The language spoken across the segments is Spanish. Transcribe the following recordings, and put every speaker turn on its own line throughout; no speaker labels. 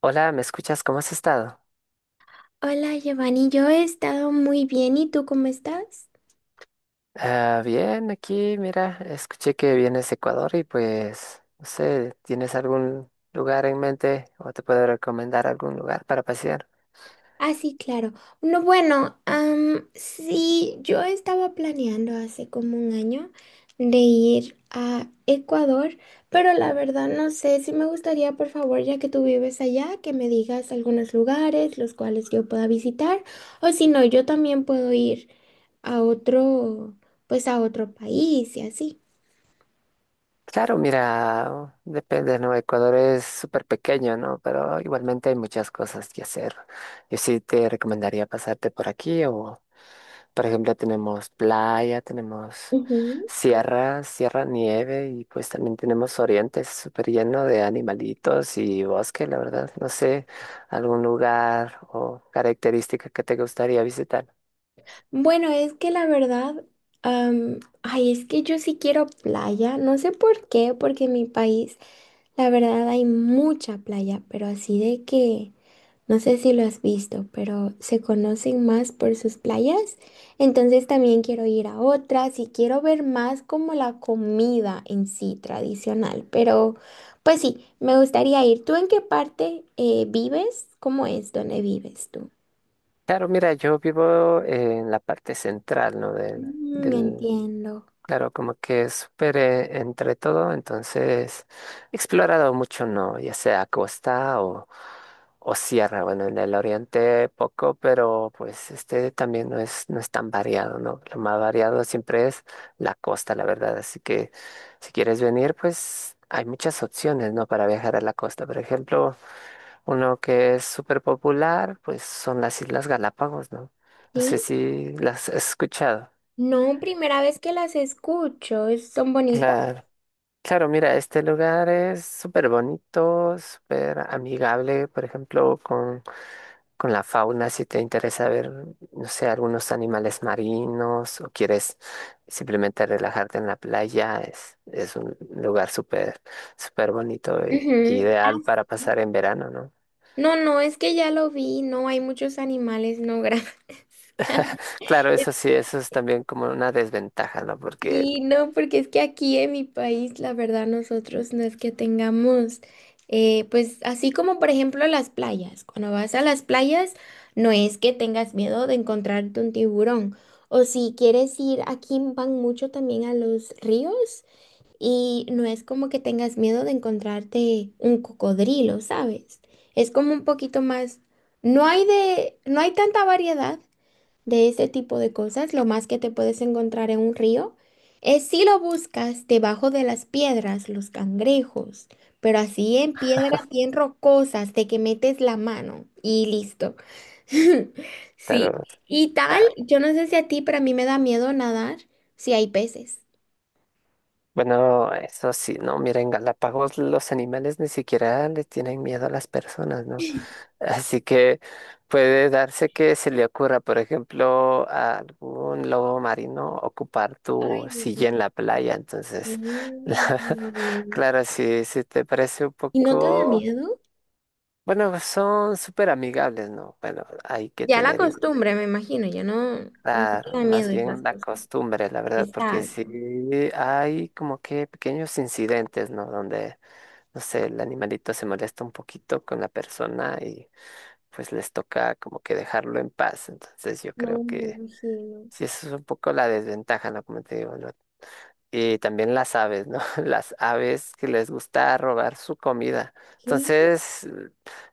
Hola, ¿me escuchas? ¿Cómo has estado?
Hola Giovanni, yo he estado muy bien. ¿Y tú cómo estás?
Ah, bien, aquí, mira, escuché que vienes de Ecuador y pues, no sé, ¿tienes algún lugar en mente o te puedo recomendar algún lugar para pasear?
Ah, sí, claro. No, bueno, sí, yo estaba planeando hace como un año de ir a Ecuador, pero la verdad no sé si me gustaría, por favor, ya que tú vives allá, que me digas algunos lugares los cuales yo pueda visitar, o si no, yo también puedo ir a otro, pues a otro país y así.
Claro, mira, depende, ¿no? Ecuador es súper pequeño, ¿no? Pero igualmente hay muchas cosas que hacer. Yo sí te recomendaría pasarte por aquí o por ejemplo, tenemos playa, tenemos sierra, sierra nieve y pues también tenemos oriente, es súper lleno de animalitos y bosque, la verdad. No sé, algún lugar o característica que te gustaría visitar.
Bueno, es que la verdad, ay, es que yo sí quiero playa, no sé por qué, porque en mi país, la verdad, hay mucha playa, pero así de que, no sé si lo has visto, pero se conocen más por sus playas, entonces también quiero ir a otras y quiero ver más como la comida en sí tradicional, pero pues sí, me gustaría ir. ¿Tú en qué parte vives? ¿Cómo es? ¿Dónde vives tú?
Claro, mira, yo vivo en la parte central, ¿no? Del,
Mm,
del
entiendo.
claro, como que es súper entre todo, entonces he explorado mucho, ¿no? Ya sea costa o sierra, bueno, en el oriente poco, pero pues este también no es, no es tan variado, ¿no? Lo más variado siempre es la costa, la verdad, así que si quieres venir, pues hay muchas opciones, ¿no? Para viajar a la costa, por ejemplo, uno que es súper popular, pues son las Islas Galápagos, ¿no? No sé
¿Sí?
si las has escuchado.
No, primera vez que las escucho, ¿son bonitas?
Claro. Claro, mira, este lugar es súper bonito, súper amigable, por ejemplo, con la fauna, si te interesa ver, no sé, algunos animales marinos o quieres simplemente relajarte en la playa, es un lugar súper, súper bonito y
Ujú. Ah,
ideal para pasar en verano, ¿no?
no, no, es que ya lo vi, no hay muchos animales, no, gracias.
Claro, eso sí, eso es también como una desventaja, ¿no? Porque,
Sí, no, porque es que aquí en mi país, la verdad, nosotros no es que tengamos, pues así como por ejemplo las playas, cuando vas a las playas, no es que tengas miedo de encontrarte un tiburón, o si quieres ir, aquí van mucho también a los ríos. Y no es como que tengas miedo de encontrarte un cocodrilo, ¿sabes? Es como un poquito más, no hay tanta variedad de ese tipo de cosas. Lo más que te puedes encontrar en un río es si lo buscas debajo de las piedras, los cangrejos, pero así en piedras bien rocosas de que metes la mano y listo. Sí.
claro,
Y tal,
ah,
yo no sé si a ti, pero a mí me da miedo nadar si hay peces.
bueno, eso sí, ¿no? Mira, en Galápagos los animales ni siquiera le tienen miedo a las personas, ¿no? Así que puede darse que se le ocurra, por ejemplo, a algún lobo marino ocupar tu
Ay, Dios
silla en
mío.
la playa. Entonces, la-
Mm.
claro, si, si te parece un
¿Y no te da
poco,
miedo?
bueno, son súper amigables, ¿no? Bueno, hay que
Ya la
tener igualmente,
costumbre, me imagino, ya no, no te
claro,
da
más
miedo esas
bien la
cosas.
costumbre, la verdad, porque
Exacto.
sí hay como que pequeños incidentes, ¿no? Donde, no sé, el animalito se molesta un poquito con la persona pues les toca como que dejarlo en paz. Entonces yo creo
No, me
que
imagino.
sí, eso es un poco la desventaja, ¿no? Como te digo, ¿no? Y también las aves, ¿no? Las aves que les gusta robar su comida.
¿Qué?
Entonces,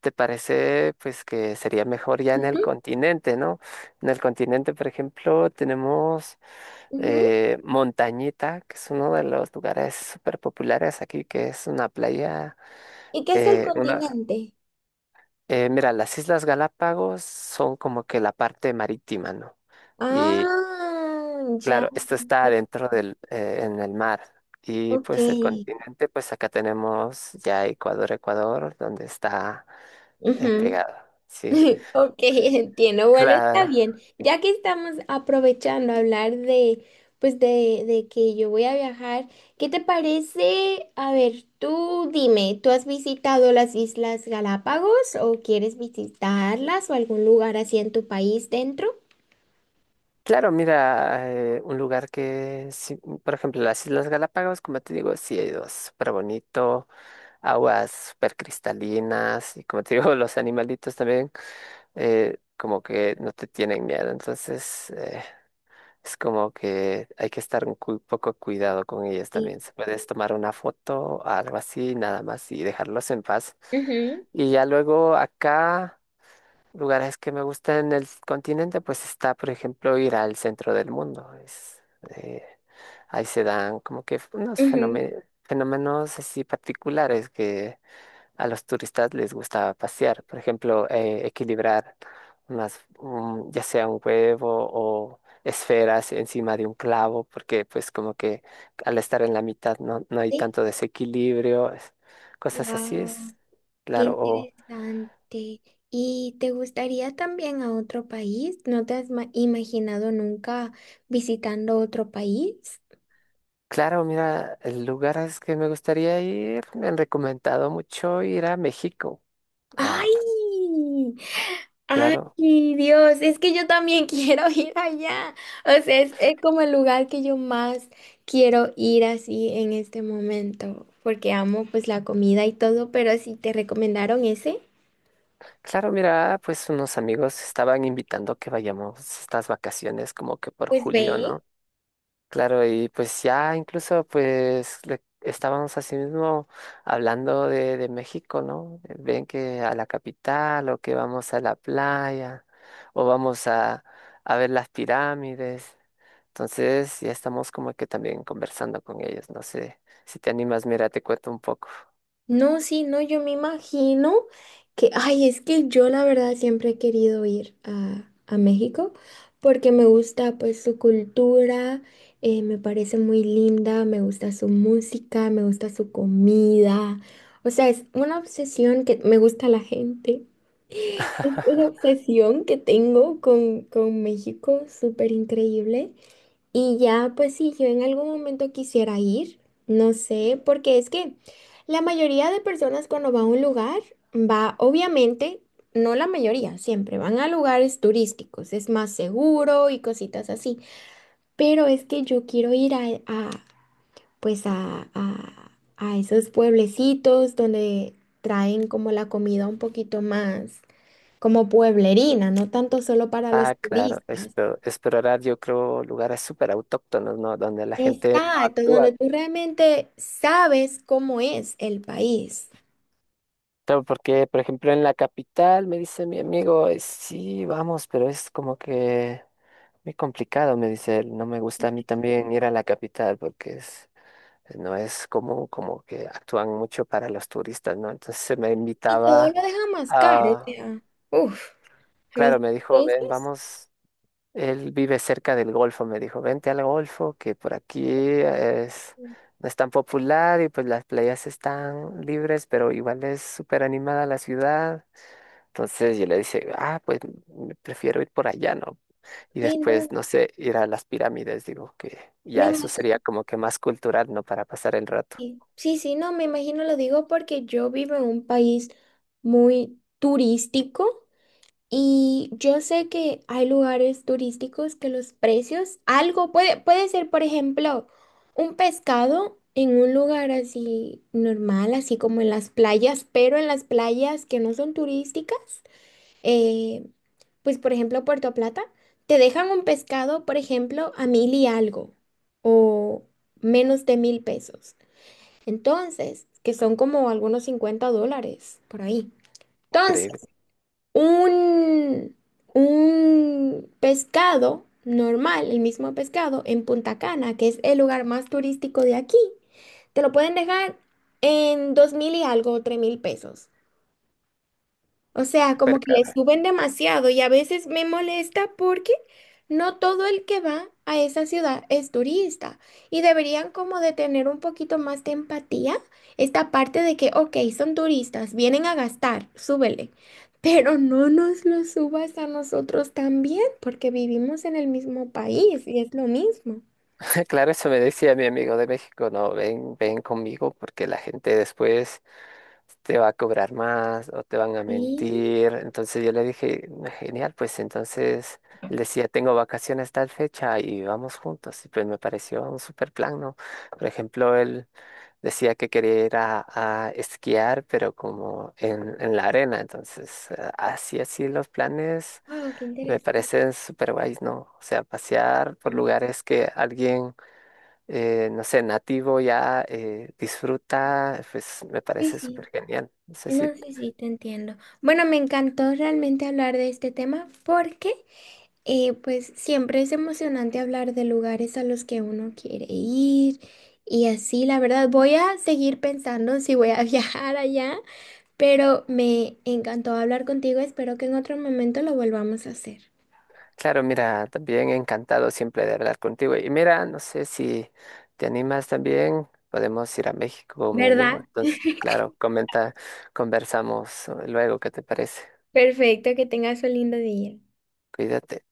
¿te parece pues que sería mejor ya en el
Ujú,
continente, ¿no? En el continente, por ejemplo, tenemos
ujú.
Montañita, que es uno de los lugares súper populares aquí, que es una playa,
¿Y qué es el
una...
continente?
Mira, las Islas Galápagos son como que la parte marítima, ¿no? Y
Ah, ya.
claro, esto está adentro del, en el mar. Y
Ok.
pues el continente, pues acá tenemos ya Ecuador, Ecuador, donde está
Ujú.
pegado. Sí.
Ok, entiendo. Bueno, está
Claro,
bien. Ya que estamos aprovechando a hablar de, pues de que yo voy a viajar, ¿qué te parece? A ver, tú dime, ¿tú has visitado las Islas Galápagos o quieres visitarlas o algún lugar así en tu país dentro?
claro, mira, un lugar que, sí, por ejemplo, las Islas Galápagos, como te digo, sí, hay dos, súper bonito, aguas súper cristalinas, y como te digo, los animalitos también como que no te tienen miedo. Entonces, es como que hay que estar un cu- poco cuidado con ellas
Y
también. Se puedes tomar una foto, algo así, nada más y dejarlos en paz.
ujú,
Y ya luego acá, lugares que me gustan en el continente, pues está, por ejemplo, ir al centro del mundo. Es, eh, ahí se dan como que unos
ujú.
fenome- fenómenos así particulares que a los turistas les gustaba pasear, por ejemplo, equilibrar más un- ya sea un huevo o esferas encima de un clavo, porque pues como que al estar en la mitad no, no hay
Sí.
tanto desequilibrio, es- cosas así
Guau.
es,
Qué
claro, o
interesante. ¿Y te gustaría también a otro país? ¿No te has ma- ¿Imaginado nunca visitando otro país?
claro, mira, el lugar es que me gustaría ir, me han recomendado mucho ir a México. Ah, pues,
¡Ay! ¡Ay,
claro.
Dios! Es que yo también quiero ir allá. O sea, es como el lugar que yo más quiero ir así en este momento, porque amo pues la comida y todo, pero si te recomendaron ese,
Claro, mira, pues unos amigos estaban invitando que vayamos estas vacaciones como que por
pues
julio,
ve.
¿no? Claro, y pues ya incluso pues le- estábamos así mismo hablando de México, ¿no? Ven que a la capital o que vamos a la playa o vamos a ver las pirámides. Entonces ya estamos como que también conversando con ellos. No sé, si te animas, mira, te cuento un poco.
No, sí, no, yo me imagino que, ay, es que yo la verdad siempre he querido ir a México, porque me gusta pues su cultura, me parece muy linda, me gusta su música, me gusta su comida. O sea, es una obsesión que me gusta la gente, es una obsesión que tengo con México, súper increíble. Y ya, pues si yo en algún momento quisiera ir, no sé, porque es que la mayoría de personas cuando va a un lugar, va, obviamente, no la mayoría, siempre van a lugares turísticos, es más seguro y cositas así, pero es que yo quiero ir a, pues a esos pueblecitos donde traen como la comida un poquito más como pueblerina, no tanto solo para los
Ah, claro,
turistas.
espero, explorar yo creo lugares súper autóctonos, ¿no? Donde la gente no
Exacto,
actúa.
donde tú realmente sabes cómo es el país.
Claro, porque, por ejemplo, en la capital me dice mi amigo, sí, vamos, pero es como que muy complicado, me dice él. No me gusta a mí también ir a la capital porque es, no es como, como que actúan mucho para los turistas, ¿no? Entonces me
Y todo
invitaba
lo deja más caro, o
a,
sea, uff, los
claro, me dijo, ven,
precios.
vamos, él vive cerca del Golfo, me dijo, vente al Golfo, que por aquí es, no es tan popular y pues las playas están libres, pero igual es súper animada la ciudad. Entonces yo le dice, ah, pues me prefiero ir por allá, ¿no? Y
Sí, no,
después, no sé, ir a las pirámides, digo, que
me
ya eso
imagino.
sería como que más cultural, ¿no? Para pasar el rato.
Sí, sí, no, me imagino, lo digo porque yo vivo en un país muy turístico. Y yo sé que hay lugares turísticos que los precios, algo puede, puede ser, por ejemplo, un pescado en un lugar así normal, así como en las playas, pero en las playas que no son turísticas, eh, pues por ejemplo Puerto Plata, te dejan un pescado, por ejemplo, a 1000 y algo o menos de 1000 pesos. Entonces, que son como algunos 50 dólares por ahí
Increíble,
un, un pescado normal, el mismo pescado, en Punta Cana, que es el lugar más turístico de aquí, te lo pueden dejar en 2000 y algo, 3000 pesos. O sea, como
súper
que le
caro.
suben demasiado y a veces me molesta porque no todo el que va a esa ciudad es turista y deberían como de tener un poquito más de empatía esta parte de que, ok, son turistas, vienen a gastar, súbele, pero no nos lo subas a nosotros también porque vivimos en el mismo país y es lo mismo.
Claro, eso me decía mi amigo de México, no, ven, ven conmigo porque la gente después te va a cobrar más o te van a
Sí,
mentir. Entonces yo le dije, "Ah, genial, pues entonces él decía, tengo vacaciones tal fecha y vamos juntos. Y pues me pareció un súper plan, ¿no? Por ejemplo, él... Decía que quería ir a esquiar, pero como en la arena. Entonces, así, así los planes
wow, qué
me
interesante.
parecen súper guays, ¿no? O sea, pasear por
Sí,
lugares que alguien, no sé, nativo ya disfruta, pues me parece súper
sí.
genial. No sé
No
si,
sé si te entiendo. Bueno, me encantó realmente hablar de este tema porque, eh, pues siempre es emocionante hablar de lugares a los que uno quiere ir y así, la verdad, voy a seguir pensando si voy a viajar allá, pero me encantó hablar contigo, espero que en otro momento lo volvamos a hacer.
claro, mira, también encantado siempre de hablar contigo. Y mira, no sé si te animas también, podemos ir a México, mi amigo.
¿Verdad?
Entonces, claro, comenta, conversamos luego, ¿qué te parece?
Perfecto, que tengas un lindo día.
Cuídate.